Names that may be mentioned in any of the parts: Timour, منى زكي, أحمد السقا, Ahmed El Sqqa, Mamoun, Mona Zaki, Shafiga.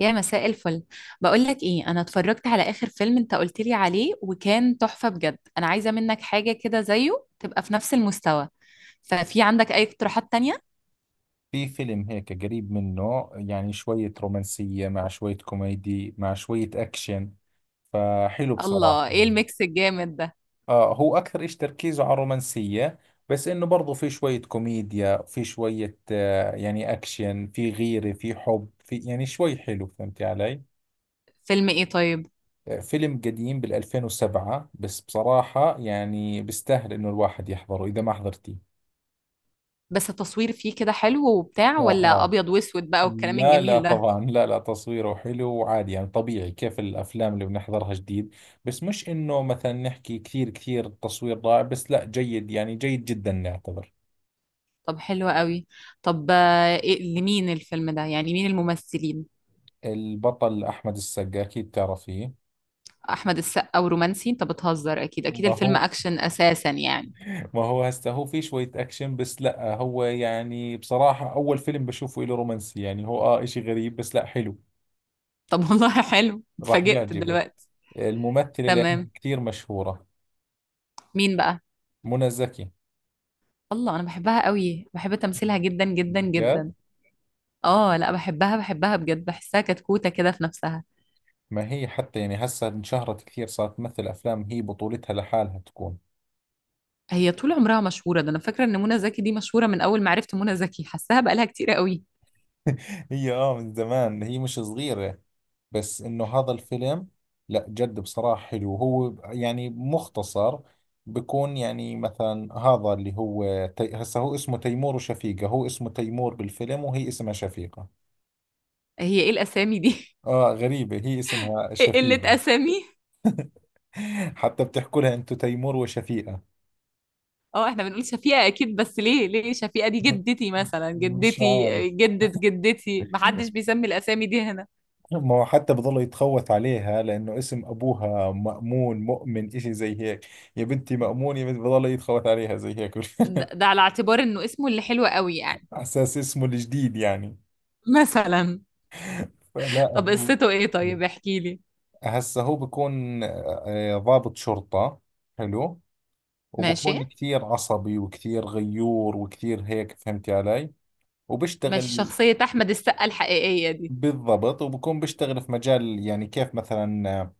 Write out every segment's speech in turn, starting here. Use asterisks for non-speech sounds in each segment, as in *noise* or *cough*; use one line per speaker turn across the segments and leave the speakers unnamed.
يا مساء الفل. بقول لك ايه، انا اتفرجت على اخر فيلم انت قلت لي عليه وكان تحفة بجد. انا عايزة منك حاجة كده زيه، تبقى في نفس المستوى. ففي عندك اي اقتراحات تانية؟
في فيلم هيك قريب منه، يعني شوية رومانسية مع شوية كوميدي مع شوية أكشن، فحلو بصراحة
الله، ايه
يعني.
الميكس الجامد ده!
هو أكثر إيش تركيزه على الرومانسية، بس إنه برضو في شوية كوميديا، في شوية يعني أكشن، في غيرة في حب، في يعني شوي حلو، فهمتي علي؟
فيلم ايه طيب؟
فيلم قديم بالـ 2007، بس بصراحة يعني بيستاهل إنه الواحد يحضره إذا ما حضرتيه.
بس التصوير فيه كده حلو وبتاع، ولا
آه،
ابيض واسود بقى والكلام
لا لا
الجميل ده؟
طبعا، لا لا، تصويره حلو وعادي، يعني طبيعي كيف الافلام اللي بنحضرها جديد. بس مش انه مثلا نحكي كثير كثير التصوير رائع، بس لا، جيد يعني، جيد جدا نعتبر.
طب حلو قوي. طب إيه، لمين الفيلم ده يعني، مين الممثلين؟
البطل احمد السقا، اكيد تعرفيه.
احمد السقا ورومانسي؟ انت بتهزر! اكيد اكيد
ما
الفيلم
هو
اكشن اساسا يعني.
ما هو هسه هو في شوية اكشن، بس لا، هو يعني بصراحة اول فيلم بشوفه له رومانسي، يعني هو اشي غريب بس لا حلو.
طب والله حلو،
راح
اتفاجئت
يعجبك.
دلوقتي.
الممثلة لأنها
تمام.
كثير مشهورة.
مين بقى؟
منى زكي.
الله، انا بحبها قوي، بحب تمثيلها جدا جدا
جد؟
جدا. اه لا، بحبها بحبها بجد، بحسها كتكوتة كده في نفسها.
ما هي حتى يعني هسه انشهرت كثير، صارت تمثل افلام هي بطولتها لحالها تكون.
هي طول عمرها مشهورة، ده انا فاكرة ان منى زكي دي مشهورة، من اول ما عرفت منى زكي حاساها بقالها كتير قوي.
*laughs* هي من زمان، هي مش صغيرة. بس انه هذا الفيلم، لا جد بصراحة حلو، هو يعني مختصر. بكون يعني مثلا هذا اللي هو هسه هو اسمه تيمور وشفيقة. هو اسمه تيمور بالفيلم وهي اسمها شفيقة.
هي ايه الاسامي دي؟
اه، غريبة، هي اسمها
*laughs* ايه قلة
شفيقة.
اسامي!
*laughs* حتى بتحكوا لها انتو تيمور وشفيقة؟
اه احنا بنقول شفيقة اكيد، بس ليه شفيقة؟ دي
*laughs*
جدتي مثلا،
مش
جدتي.
عارف.
جدة جدتي! محدش بيسمي الاسامي دي هنا.
ما هو حتى بضل يتخوت عليها، لأنه اسم أبوها مأمون، مؤمن، إشي زي هيك. يا بنتي مأمون، يا بنتي، بضل يتخوت عليها زي هيك.
ده,
*laughs*
ده على اعتبار انه اسمه اللي حلو قوي يعني.
على أساس اسمه الجديد يعني.
*laughs* مثلا.
فلا
طب
هو.
قصته ايه طيب، احكي لي.
هسه هو بكون ضابط شرطة. حلو.
ماشي.
وبكون كثير عصبي، وكثير غيور، وكثير هيك، فهمتي علي؟
مش
وبشتغل.
شخصية أحمد السقا الحقيقية دي؟
بالضبط، وبكون بشتغل في مجال، يعني كيف مثلا،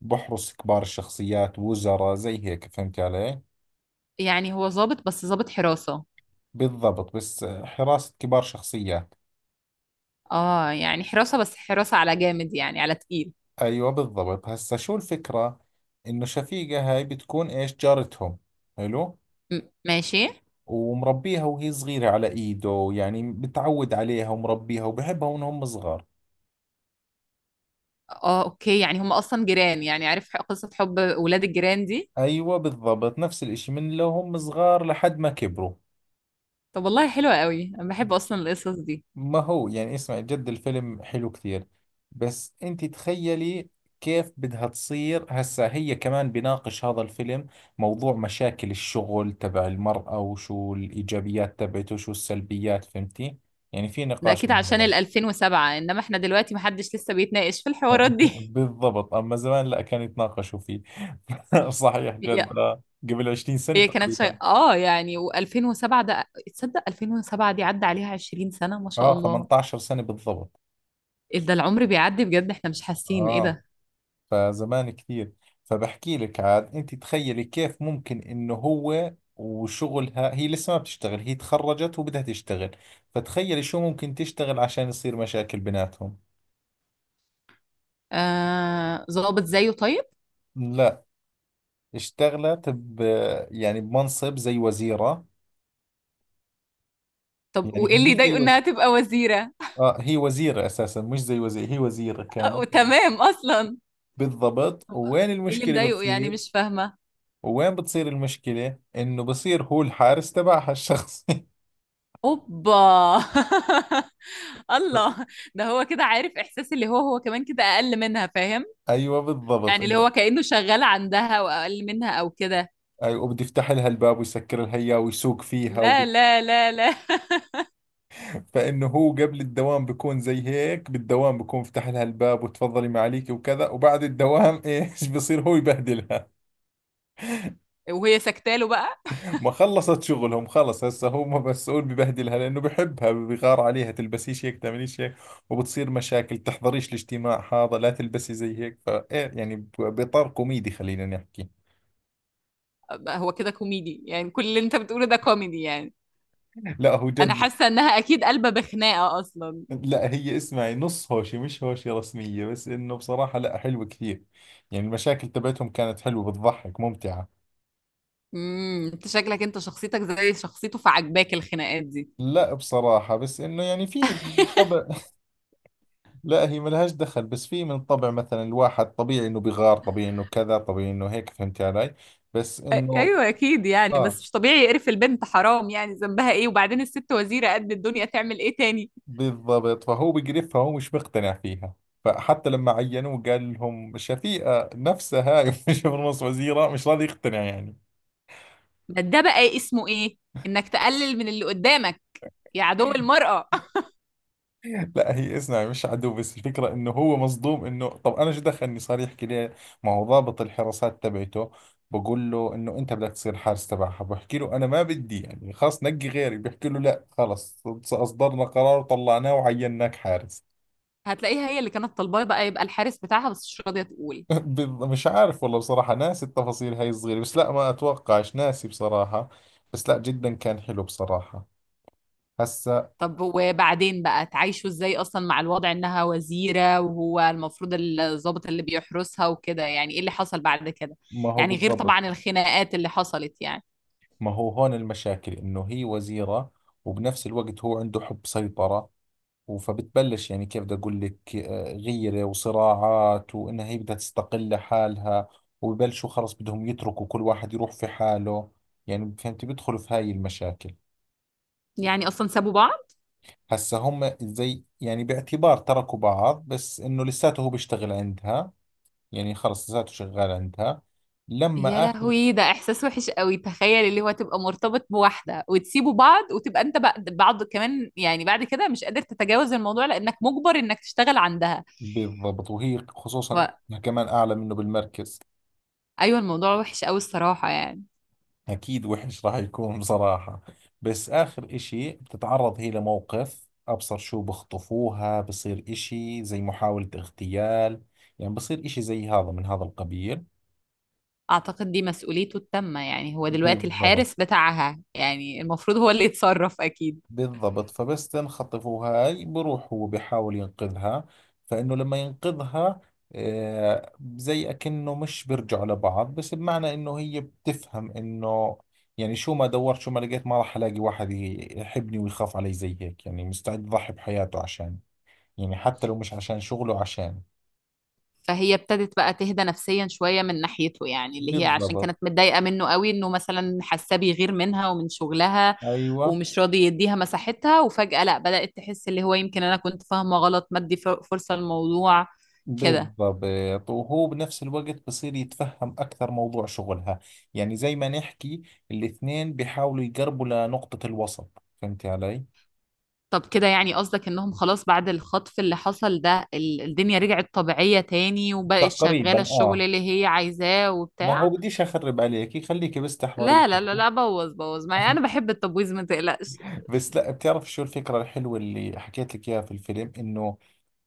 بحرس كبار الشخصيات، وزراء زي هيك، فهمتي علي؟
يعني هو ظابط، بس ظابط حراسة؟
بالضبط، بس حراسة كبار شخصيات.
اه يعني حراسة، بس حراسة على جامد يعني على تقيل.
أيوة بالضبط، هسا شو الفكرة؟ إنه شفيقة هاي بتكون إيش، جارتهم. حلو.
ماشي.
ومربيها وهي صغيرة على إيده، يعني بتعود عليها، ومربيها وبحبها وإنهم صغار.
اه اوكي، يعني هم أصلا جيران يعني، عارف قصة حب ولاد الجيران دي.
أيوة بالضبط، نفس الإشي من لو هم صغار لحد ما كبروا.
طب والله حلوة قوي، أنا بحب أصلا القصص دي.
ما هو يعني اسمع، جد الفيلم حلو كثير. بس انت تخيلي كيف بدها تصير. هسا هي كمان بيناقش هذا الفيلم موضوع مشاكل الشغل تبع المرأة، وشو الإيجابيات تبعته وشو السلبيات، فهمتي؟ يعني في
ده
نقاش
أكيد
من
عشان
هذا.
ال 2007، إنما إحنا دلوقتي محدش لسه بيتناقش في الحوارات
*laughs*
دي.
بالضبط، أما زمان لا كان يتناقشوا فيه. *laughs* صحيح
*laughs* هي
جد، قبل 20 سنة
هي كانت شيء
تقريبا.
اه يعني، و2007 ده. تصدق 2007 دي عدى عليها 20 سنة ما شاء
اه،
الله!
18 سنة بالضبط.
إيه ده، العمر بيعدي بجد، احنا مش حاسين، ايه
اه
ده؟
فزمان كثير. فبحكي لك عاد، انت تخيلي كيف ممكن انه هو وشغلها، هي لسه ما بتشتغل، هي تخرجت وبدها تشتغل. فتخيلي شو ممكن تشتغل عشان يصير مشاكل بيناتهم.
ظابط زيه طيب؟
لا. اشتغلت يعني بمنصب زي وزيرة.
طب
يعني
وايه
هي
اللي
مش زي
يضايقه انها تبقى وزيرة؟
هي وزيرة اساسا، مش زي وزيرة، هي وزيرة
*laughs*
كانت.
تمام اصلا.
بالضبط،
طب،
وين
ايه اللي
المشكلة
مضايقه يعني،
بتصير؟
مش فاهمة.
وين بتصير المشكلة؟ انه بصير هو الحارس تبعها الشخصي.
اوبا. *laughs* الله!
*laughs*
ده هو كده عارف احساس اللي هو، هو كمان كده اقل منها، فاهم؟
ايوه بالضبط.
يعني اللي هو كأنه شغال عندها واقل منها او كده.
أيوة، وبده يفتح لها الباب ويسكر لها إياه ويسوق فيها
لا لا لا لا.
فإنه هو قبل الدوام بيكون زي هيك، بالدوام بيكون فتح لها الباب وتفضلي معليكي وكذا، وبعد الدوام. *laughs* إيش بصير؟ هو يبهدلها.
*laughs* وهي سكتاله بقى.
ما خلصت شغلهم خلص، هسه هو مسؤول، ببهدلها لأنه بحبها، بغار عليها، تلبسيش هيك، تعمليش هيك. وبتصير مشاكل، تحضريش الاجتماع هذا، لا تلبسي زي هيك، فإيه يعني بإطار كوميدي خلينا نحكي.
بقى هو كده كوميدي يعني؟ كل اللي انت بتقوله ده كوميدي يعني؟
لا هو
انا
جد.
حاسه انها اكيد قلبه بخناقه اصلا.
لا، هي اسمعي، نص هوشي مش هوشي رسمية، بس انه بصراحة لا حلوة كثير. يعني المشاكل تبعتهم كانت حلوة، بتضحك، ممتعة.
انت شكلك، انت شخصيتك زي شخصيته، فعجباك الخناقات دي.
لا بصراحة، بس انه يعني في طبع.
*laughs*
*laughs* لا هي ملهاش دخل، بس في من طبع مثلا، الواحد طبيعي انه بغار، طبيعي انه كذا، طبيعي انه هيك، فهمت علي؟ بس
أ-
انه.
ايوه اكيد يعني، بس
اه
مش طبيعي يقرف البنت، حرام، يعني ذنبها ايه؟ وبعدين الست وزيرة قد الدنيا، تعمل ايه تاني؟
بالضبط، فهو بقرفها، هو مش مقتنع فيها. فحتى لما عينوه قال لهم شفيقة نفسها هاي، *laughs* مش من نص وزيرة مش راضي يقتنع يعني.
ده بقى اسمه ايه؟ انك تقلل من اللي قدامك؟ يا عدو المرأة!
*laughs* لا، هي اسمع مش عدو، بس الفكرة انه هو مصدوم، انه طب انا شو دخلني صار يحكي لي. ما هو ضابط الحراسات تبعته بقول له انه انت بدك تصير حارس تبعها، بحكي له انا ما بدي، يعني خلاص نقي غيري، بحكي له لا خلص، اصدرنا قرار وطلعناه وعيناك حارس.
*laughs* هتلاقيها هي اللي كانت طالباه بقى يبقى الحارس بتاعها، بس مش راضية تقول.
*laughs* مش عارف والله بصراحة، ناسي التفاصيل هاي الصغيرة، بس لا ما اتوقعش ناسي بصراحة. بس لا، جدا كان حلو بصراحة. هسا.
طب وبعدين بقى، تعيشوا ازاي اصلا مع الوضع انها وزيرة وهو المفروض الضابط اللي بيحرسها وكده؟ يعني ايه اللي حصل بعد كده؟
ما هو
يعني غير
بالضبط.
طبعا الخناقات اللي حصلت يعني.
ما هو هون المشاكل، انه هي وزيرة، وبنفس الوقت هو عنده حب سيطرة. فبتبلش يعني، كيف بدي اقول لك، غيره وصراعات، وانها هي بدها تستقل لحالها. وببلشوا خلص، بدهم يتركوا كل واحد يروح في حاله. يعني فهمت، بيدخلوا في هاي المشاكل.
يعني أصلًا سابوا بعض؟
هسا هم زي يعني باعتبار تركوا بعض، بس انه لساته هو بيشتغل عندها. يعني خلص لساته شغال عندها.
يا
لما اخر.
لهوي، ده إحساس وحِش أوي، تخيّل اللي هو تبقى مرتبط بواحدة وتسيبوا بعض، وتبقى أنت بعض كمان يعني بعد كده، مش قادر تتجاوز الموضوع لإنّك مُجبَر إنّك تشتغل عندها.
بالضبط، وهي خصوصا إنها كمان اعلى منه بالمركز.
فأيوه الموضوع وحِش أوي الصراحة يعني.
أكيد وحش راح يكون بصراحة. بس آخر إشي بتتعرض هي لموقف أبصر شو، بخطفوها، بصير إشي زي محاولة اغتيال. يعني بصير إشي زي هذا من هذا القبيل.
أعتقد دي مسؤوليته التامة يعني، هو دلوقتي
بالضبط.
الحارس بتاعها، يعني المفروض هو اللي يتصرّف أكيد.
بالضبط، فبس تنخطفه هاي بروح هو بحاول ينقذها. فإنه لما ينقذها، زي أكنه مش بيرجعوا لبعض، بس بمعنى إنه هي بتفهم إنه، يعني شو ما دورت شو ما لقيت، ما راح ألاقي واحد يحبني ويخاف علي زي هيك، يعني مستعد يضحي بحياته عشان. يعني حتى لو مش عشان شغله، عشان.
فهي ابتدت بقى تهدى نفسيا شوية من ناحيته يعني، اللي هي عشان
بالضبط.
كانت متضايقة منه قوي انه مثلا حاساه بيغير منها ومن شغلها
أيوة
ومش راضي يديها مساحتها، وفجأة لا بدأت تحس اللي هو يمكن انا كنت فاهمة غلط، ما ادي فرصة للموضوع كده.
بالضبط، وهو بنفس الوقت بصير يتفهم أكثر موضوع شغلها. يعني زي ما نحكي، الاثنين بيحاولوا يقربوا لنقطة الوسط، فهمتي علي؟
طب كده يعني قصدك انهم خلاص بعد الخطف اللي حصل ده، الدنيا رجعت طبيعية تاني وبقت
تقريبا،
شغالة الشغل
آه.
اللي هي عايزاه
ما
وبتاع؟
هو بديش أخرب عليكي، خليكي بس تحضري.
لا لا لا لا، بوظ بوظ معايا، انا
*laughs*
بحب التبويظ ما تقلقش.
بس لا، بتعرف شو الفكرة الحلوة اللي حكيت لك إياها في الفيلم، إنه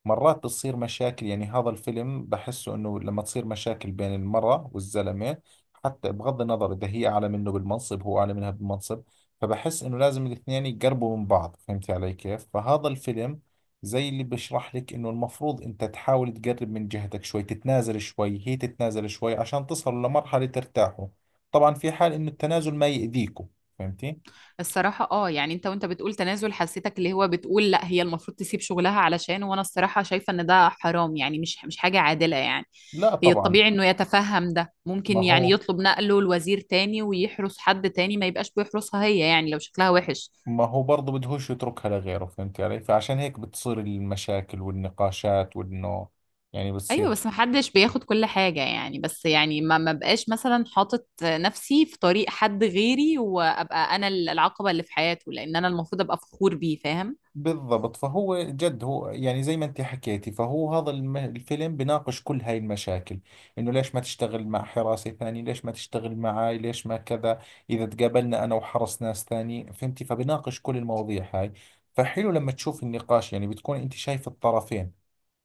مرات بتصير مشاكل. يعني هذا الفيلم بحسه انه لما تصير مشاكل بين المرأة والزلمة، حتى بغض النظر اذا هي اعلى منه بالمنصب، هو اعلى منها بالمنصب، فبحس انه لازم الاثنين يقربوا من بعض، فهمت علي كيف؟ فهذا الفيلم زي اللي بشرح لك، انه المفروض انت تحاول تقرب من جهتك شوي، تتنازل شوي، هي تتنازل شوي، عشان تصلوا لمرحلة ترتاحوا. طبعا في حال انه التنازل ما يأذيكم. فهمتي؟
الصراحة اه يعني، انت وانت بتقول تنازل، حسيتك اللي هو بتقول لا هي المفروض تسيب شغلها علشان، وانا الصراحة شايفة ان ده حرام يعني، مش حاجة عادلة يعني.
لا
هي
طبعا.
الطبيعي انه يتفهم، ده
ما
ممكن يعني
هو
يطلب نقله لوزير تاني ويحرس حد تاني، ما يبقاش بيحرسها هي يعني لو شكلها وحش.
ما هو برضه بدهوش يتركها لغيره، فهمت علي؟ فعشان هيك بتصير المشاكل والنقاشات، وانه يعني بتصير.
ايوه بس محدش بياخد كل حاجة يعني، بس يعني ما بقاش مثلا حاطط نفسي في طريق حد غيري وابقى انا العقبة اللي في حياته، لان انا المفروض ابقى فخور بيه، فاهم؟
بالضبط، فهو جد، هو يعني زي ما انت حكيتي، فهو هذا الفيلم بناقش كل هاي المشاكل، انه ليش ما تشتغل مع حراسي ثاني، ليش ما تشتغل معاي، ليش ما كذا. اذا تقابلنا انا وحرس ناس ثاني، فهمتي؟ فبناقش كل المواضيع هاي. فحلو لما تشوف النقاش، يعني بتكون انت شايف الطرفين،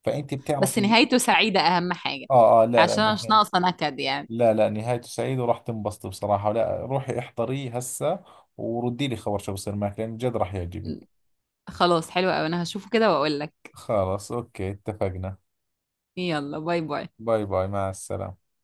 فانت
بس
بتعرفي.
نهايته سعيدة أهم حاجة،
اه اه، لا
عشان أنا
لا.
مش ناقصة نكد يعني.
لا لا، نهايته سعيدة وراح تنبسطي بصراحة، لا روحي احضريه هسه. وردي لي خبر شو بصير معك، لأن جد راح يعجبك.
خلاص حلو أوي، أنا هشوفه كده وأقول لك.
خلاص أوكي، اتفقنا.
يلا باي باي.
باي باي، مع السلامة.